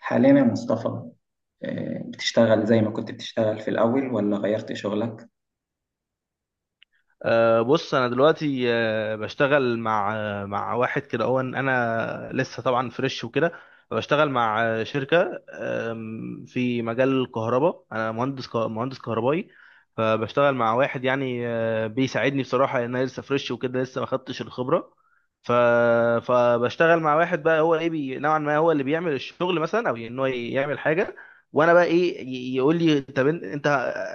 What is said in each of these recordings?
حاليا يا مصطفى. بتشتغل زي ما كنت بتشتغل في الأول ولا غيرت شغلك؟ بص، انا دلوقتي بشتغل مع مع واحد كده، هو انا لسه طبعا فريش وكده. بشتغل مع شركه في مجال الكهرباء، انا مهندس مهندس كهربائي. فبشتغل مع واحد يعني بيساعدني بصراحه، لان انا لسه فريش وكده، لسه ما خدتش الخبره. ف فبشتغل مع واحد بقى، هو ايه، بي نوعا ما هو اللي بيعمل الشغل مثلا، او ان هو يعمل حاجه وانا بقى ايه، يقول لي طب انت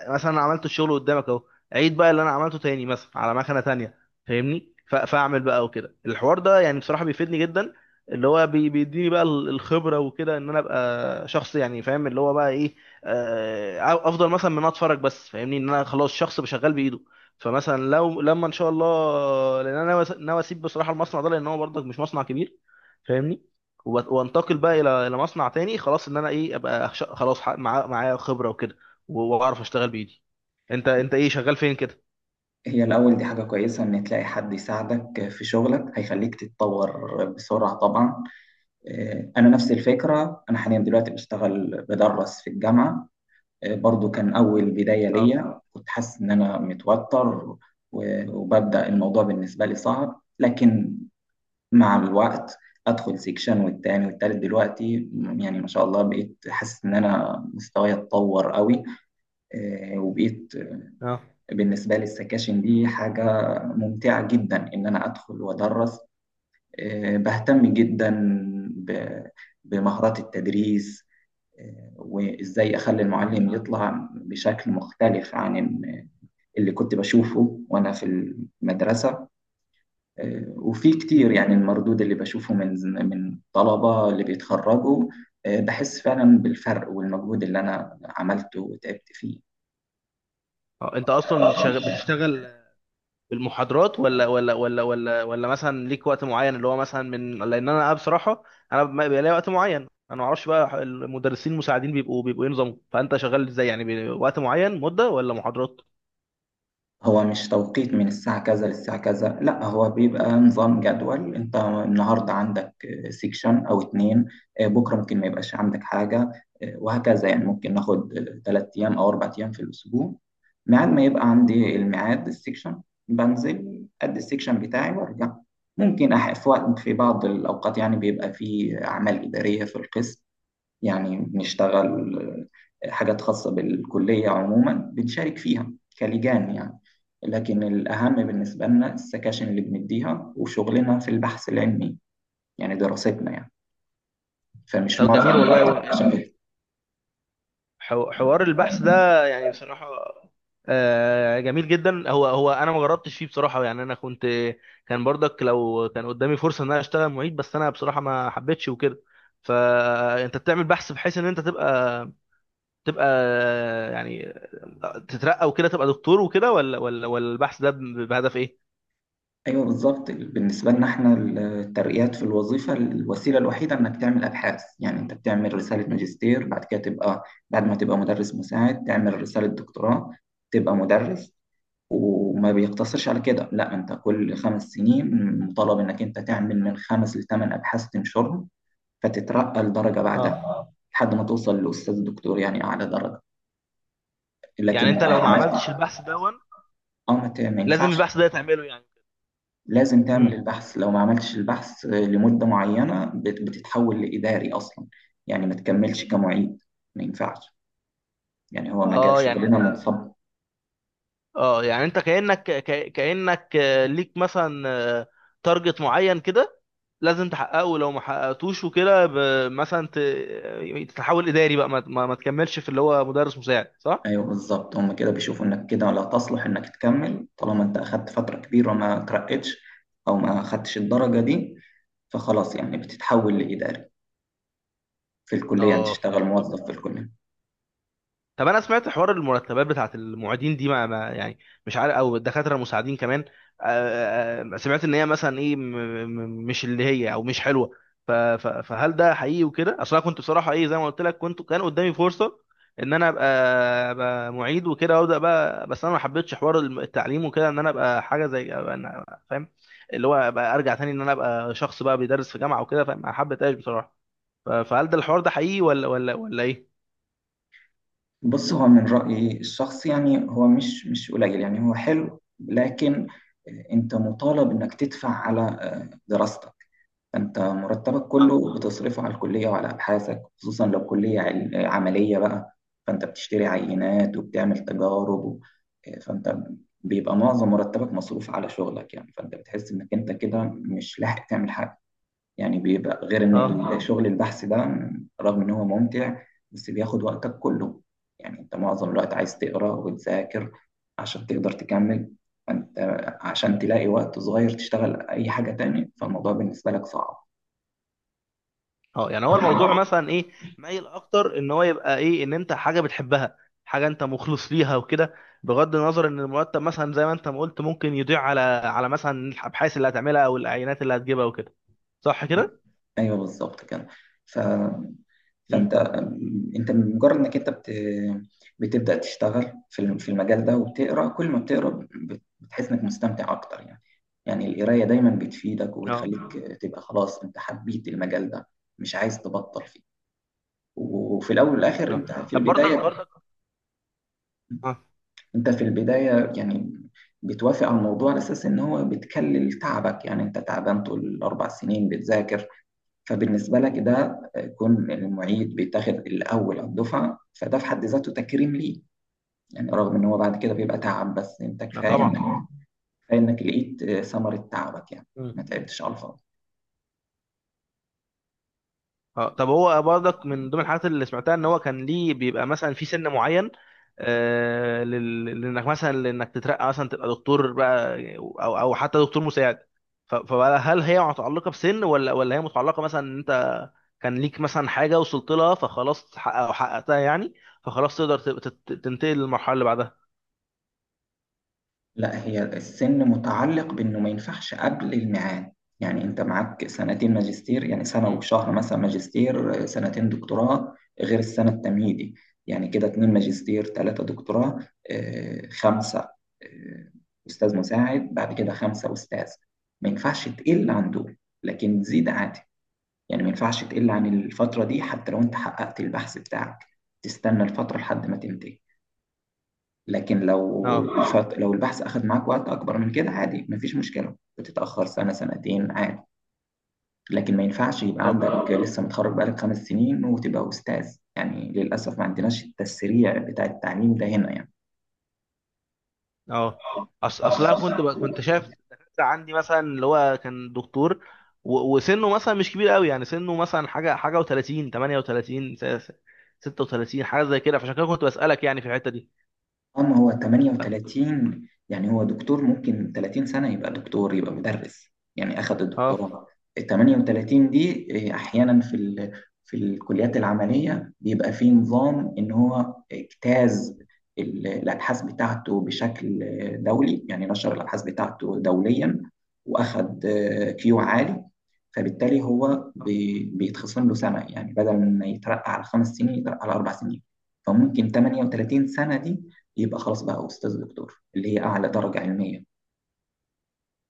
مثلا عملت الشغل قدامك اهو، عيد بقى اللي انا عملته تاني مثلا على مكنه تانية، فاهمني؟ فاعمل بقى وكده. الحوار ده يعني بصراحه بيفيدني جدا، اللي هو بيديني بقى الخبره وكده، ان انا ابقى شخص يعني فاهم اللي هو بقى ايه، افضل مثلا من أنا اتفرج بس، فاهمني؟ ان انا خلاص شخص بشغال بايده. فمثلا لما ان شاء الله، لان انا ناوي اسيب بصراحه المصنع ده، لان هو برضك مش مصنع كبير، فاهمني؟ وانتقل بقى الى مصنع تاني، خلاص ان انا ايه خلاص معايا خبره وكده، واعرف اشتغل بايدي. انت ايه شغال فين كده؟ هي الأول دي حاجة كويسة إن تلاقي حد يساعدك في شغلك هيخليك تتطور بسرعة طبعا. أنا نفس الفكرة، أنا حاليا دلوقتي بشتغل بدرس في الجامعة. برضو كان أول بداية اه. ليا كنت حاسس إن أنا متوتر، وببدأ الموضوع بالنسبة لي صعب، لكن مع الوقت ادخل سيكشن والتاني والتالت دلوقتي يعني ما شاء الله بقيت حاسس ان انا مستواي اتطور قوي. وبقيت اه. بالنسبه لي السكاشن دي حاجه ممتعه جدا ان انا ادخل وادرس. بهتم جدا ب- بمهارات التدريس. وازاي اخلي اه. المعلم يطلع بشكل مختلف عن اللي كنت بشوفه وانا في المدرسه. وفي مم. كتير يعني المردود اللي بشوفه من طلبة اللي بيتخرجوا، بحس فعلا بالفرق والمجهود اللي أنا عملته وتعبت اه، انت اصلا فيه. بتشتغل بالمحاضرات ولا مثلا ليك وقت معين، اللي هو مثلا من، لان انا بصراحه انا ما بيبقى ليا وقت معين، انا ما اعرفش بقى المدرسين المساعدين بيبقوا ايه نظامهم، فانت شغال ازاي يعني؟ وقت معين، مده، ولا محاضرات؟ هو مش توقيت من الساعة كذا للساعة كذا، لا هو بيبقى نظام جدول، انت النهاردة عندك سيكشن او اتنين، بكرة ممكن ما يبقاش عندك حاجة، وهكذا. يعني ممكن ناخد ثلاث ايام او اربع ايام في الاسبوع ميعاد، ما يبقى عندي الميعاد السيكشن بنزل ادي السيكشن بتاعي وارجع. ممكن في وقت، في بعض الاوقات يعني بيبقى في اعمال ادارية في القسم، يعني بنشتغل حاجات خاصة بالكلية عموما بنشارك فيها كلجان يعني. لكن الأهم بالنسبة لنا السكاشن اللي بنديها وشغلنا في البحث العلمي يعني دراستنا يعني، فمش طب معظم جميل والله. الوقت عشان كده. حوار البحث ده يعني بصراحة جميل جدا. هو انا ما جربتش فيه بصراحة، يعني انا كنت، كان برضك لو كان قدامي فرصة ان انا اشتغل معيد، بس انا بصراحة ما حبيتش وكده. فانت بتعمل بحث بحيث ان انت تبقى، تبقى يعني تترقى وكده، تبقى دكتور وكده، ولا البحث ده بهدف ايه؟ أيوه بالظبط، بالنسبة لنا احنا الترقيات في الوظيفة الوسيلة الوحيدة إنك تعمل أبحاث، يعني أنت بتعمل رسالة ماجستير بعد كده تبقى، بعد ما تبقى مدرس مساعد تعمل رسالة دكتوراه تبقى مدرس. وما بيقتصرش على كده، لا، انت كل خمس سنين مطالب انك انت تعمل من خمس لثمان ابحاث تنشرهم فتترقى لدرجه اه، بعدها لحد ما توصل لاستاذ دكتور يعني اعلى درجه. يعني لكن انت لو ما عملت عملتش اه، البحث ده، ما لازم ينفعش. البحث ده تعمله يعني؟ لازم تعمل امم البحث، لو ما عملتش البحث لمده معينه بتتحول لاداري اصلا، يعني ما تكملش كمعيد، ما ينفعش. يعني هو مجال اه يعني شغلنا انت، منصب. اه يعني انت كأنك كأنك ليك مثلا تارجت معين كده لازم تحققه، لو ما حققتوش وكده مثلا تتحول إداري بقى، ما تكملش في اللي هو مدرس مساعد، صح؟ ايوه بالظبط، هم كده بيشوفوا انك كده لا تصلح انك تكمل طالما انت اخدت فتره كبيره ما ترقتش او ما اخدتش الدرجه دي، فخلاص يعني بتتحول لاداري في الكليه، يعني اه. تشتغل موظف في الكليه. طب انا سمعت حوار المرتبات بتاعت المعيدين دي، يعني مش عارف، او الدكاتره المساعدين كمان، سمعت ان هي مثلا ايه، مش اللي هي، او مش حلوه. فهل ده حقيقي وكده؟ اصل انا كنت بصراحه ايه، زي ما قلت لك، كنت، كان قدامي فرصه ان انا ابقى معيد وكده وابدا بقى، بس انا ما حبيتش حوار التعليم وكده، ان انا ابقى حاجه زي فاهم؟ اللي هو ابقى ارجع تاني ان انا ابقى شخص بقى بيدرس في جامعه وكده، فما حبيتهاش بصراحه. فهل ده الحوار ده حقيقي ولا ايه؟ بص، هو من رايي الشخصي يعني هو مش قليل، يعني هو حلو، لكن انت مطالب انك تدفع على دراستك، انت مرتبك آه. كله بتصرفه على الكليه وعلى ابحاثك، خصوصا لو كليه عمليه بقى، فانت بتشتري عينات وبتعمل تجارب فانت بيبقى معظم مرتبك مصروف على شغلك، يعني فانت بتحس انك انت كده مش لاحق تعمل حاجه. يعني بيبقى غير اه. ان شغل البحث ده رغم ان هو ممتع بس بياخد وقتك كله، يعني انت معظم الوقت عايز تقرا وتذاكر عشان تقدر تكمل انت، عشان تلاقي وقت صغير تشتغل اي حاجه تاني فالموضوع بالنسبه لك صعب. اه، يعني هو الموضوع مثلا ايه، مايل اكتر ان هو يبقى ايه؟ ان انت حاجه بتحبها، حاجه انت مخلص ليها وكده، بغض النظر ان المرتب مثلا زي ما انت ما قلت، ممكن يضيع على مثلا الابحاث اللي هتعملها، او العينات اللي هتجيبها وكده، صح كده؟ ايوه بالظبط كده. ف... امم. فانت، انت مجرد انك انت بتبدا تشتغل في في المجال ده، وبتقرا كل ما بتقرا بتحس انك مستمتع اكتر يعني. يعني القرايه دايما بتفيدك اه. وبتخليك تبقى خلاص انت حبيت المجال ده مش عايز تبطل فيه. وفي الاول والاخر اه، انت في طب برضك، البدايه، اه. انت في البدايه يعني بتوافق على الموضوع على اساس ان هو بتكلل تعبك، يعني انت تعبان طول الاربع سنين بتذاكر فبالنسبة لك ده كون إن المعيد بيتاخد الأول على الدفعة فده في حد ذاته تكريم ليه، يعني رغم إن هو بعد كده بيبقى تعب بس أنت لا كفاية إنك، طبعا. كفاية إنك لقيت ثمرة تعبك يعني، ما تعبتش على الفاضي. اه، طب هو برضك من ضمن الحاجات اللي سمعتها ان هو كان ليه بيبقى مثلا في سن معين، لانك مثلا، تترقى مثلا تبقى دكتور بقى، او او حتى دكتور مساعد. فهل هي متعلقه بسن، ولا هي متعلقه مثلا ان انت كان ليك مثلا حاجه وصلت لها فخلاص، تحقق- او حققتها يعني، فخلاص تقدر تبقى تنتقل للمرحله اللي بعدها؟ لا، هي السن متعلق بانه ما ينفعش قبل الميعاد، يعني انت معاك سنتين ماجستير، يعني سنه مم. وشهر مثلا ماجستير، سنتين دكتوراه غير السنه التمهيدي، يعني كده اتنين ماجستير تلاته دكتوراه، خمسه، آه، استاذ مساعد، بعد كده خمسه استاذ. ما ينفعش تقل عن دول لكن تزيد عادي، يعني ما ينفعش تقل عن الفتره دي حتى لو انت حققت البحث بتاعك تستنى الفتره لحد ما تنتهي. لكن اه. لو لو البحث أخذ معاك وقت أكبر من كده عادي مفيش مشكلة، بتتأخر سنة سنتين عادي. لكن ما ينفعش يبقى طب، عندك لسه متخرج بقالك خمس سنين وتبقى أستاذ، يعني للأسف ما عندناش التسريع بتاع التعليم ده هنا يعني. اه، اصلا كنت شايف دكاترة عندي، مثلا اللي هو كان دكتور وسنه مثلا مش كبير قوي، يعني سنه مثلا حاجه حاجه و30 38 36 حاجه زي كده، فعشان كده كنت بسالك يعني في الحته دي. اه، ما هو 38 يعني هو دكتور، ممكن 30 سنة يبقى دكتور يبقى مدرس يعني أخذ اه. الدكتوراه. ال 38 دي إيه، أحيانا في الكليات العملية بيبقى في نظام إن هو اجتاز الأبحاث بتاعته بشكل دولي، يعني نشر الأبحاث بتاعته دوليا وأخذ كيو عالي، فبالتالي هو بيتخصم له سنة، يعني بدل ما يترقى على خمس سنين يترقى على أربع سنين، فممكن 38 سنة دي يبقى خلاص بقى أستاذ دكتور اللي هي أعلى درجة علمية.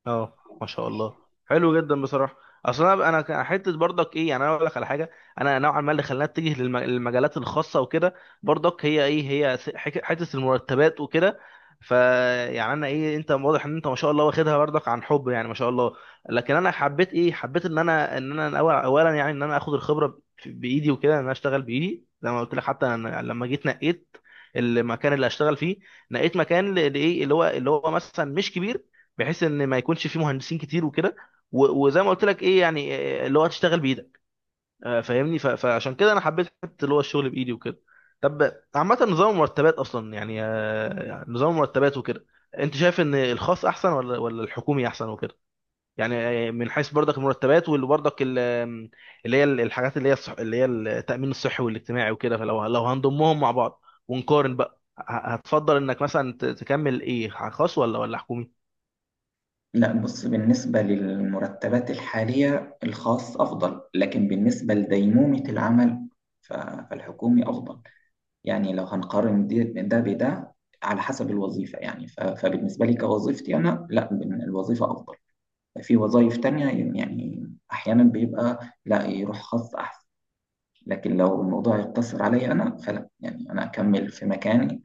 اه، ما شاء الله، حلو جدا بصراحه. اصل انا كان حته برضك ايه، يعني انا اقول لك على حاجه، انا نوعا ما اللي خلاني اتجه للمجالات الخاصه وكده، برضك هي ايه، هي حته المرتبات وكده. فيعني انا ايه، انت واضح ان انت ما شاء الله واخدها برضك عن حب، يعني ما شاء الله. لكن انا حبيت ايه، حبيت ان انا، اولا يعني ان انا اخد الخبره بايدي وكده، ان انا اشتغل بايدي زي ما قلت لك. حتى أنا لما جيت نقيت المكان اللي هشتغل فيه، نقيت مكان لايه، اللي هو مثلا مش كبير بحيث ان ما يكونش فيه مهندسين كتير وكده. وزي ما قلت لك ايه يعني، اللي هو تشتغل بايدك، فاهمني؟ فعشان كده انا حبيت حته اللي هو الشغل بايدي وكده. طب عامه نظام المرتبات اصلا، يعني يعني نظام المرتبات وكده، انت شايف ان الخاص احسن ولا الحكومي احسن وكده؟ يعني من حيث برضك المرتبات، واللي برضك ال- آم، اللي هي الحاجات، اللي هي التامين الصحي والاجتماعي وكده، فلو هنضمهم مع بعض ونقارن بقى، هتفضل انك مثلا تكمل ايه، خاص ولا حكومي؟ لا، بص، بالنسبة للمرتبات الحالية الخاص أفضل، لكن بالنسبة لديمومة العمل فالحكومي أفضل، يعني لو هنقارن ده بده على حسب الوظيفة يعني، فبالنسبة لي كوظيفتي أنا، لا الوظيفة أفضل. في وظائف تانية يعني أحيانا بيبقى، لا، يروح خاص أحسن، لكن لو الموضوع يقتصر عليا أنا فلا، يعني أنا أكمل في مكاني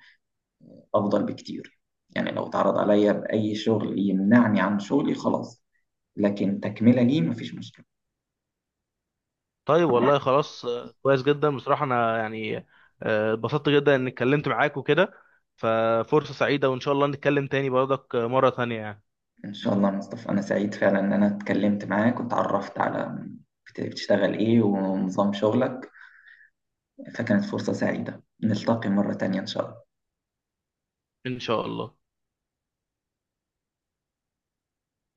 أفضل بكتير، يعني لو اتعرض عليا بأي شغل يمنعني عن شغلي خلاص، لكن تكملة ليه مفيش مشكلة. طيب والله خلاص، كويس جدا بصراحة، أنا يعني اتبسطت جدا إني اتكلمت معاك وكده، ففرصة سعيدة وإن شاء الله نتكلم تاني برضك مرة تانية يعني. إن شاء الله يا مصطفى، أنا سعيد فعلا إن أنا اتكلمت معاك واتعرفت على بتشتغل إيه ونظام شغلك، فكانت فرصة سعيدة، نلتقي مرة تانية إن شاء الله. إن شاء الله.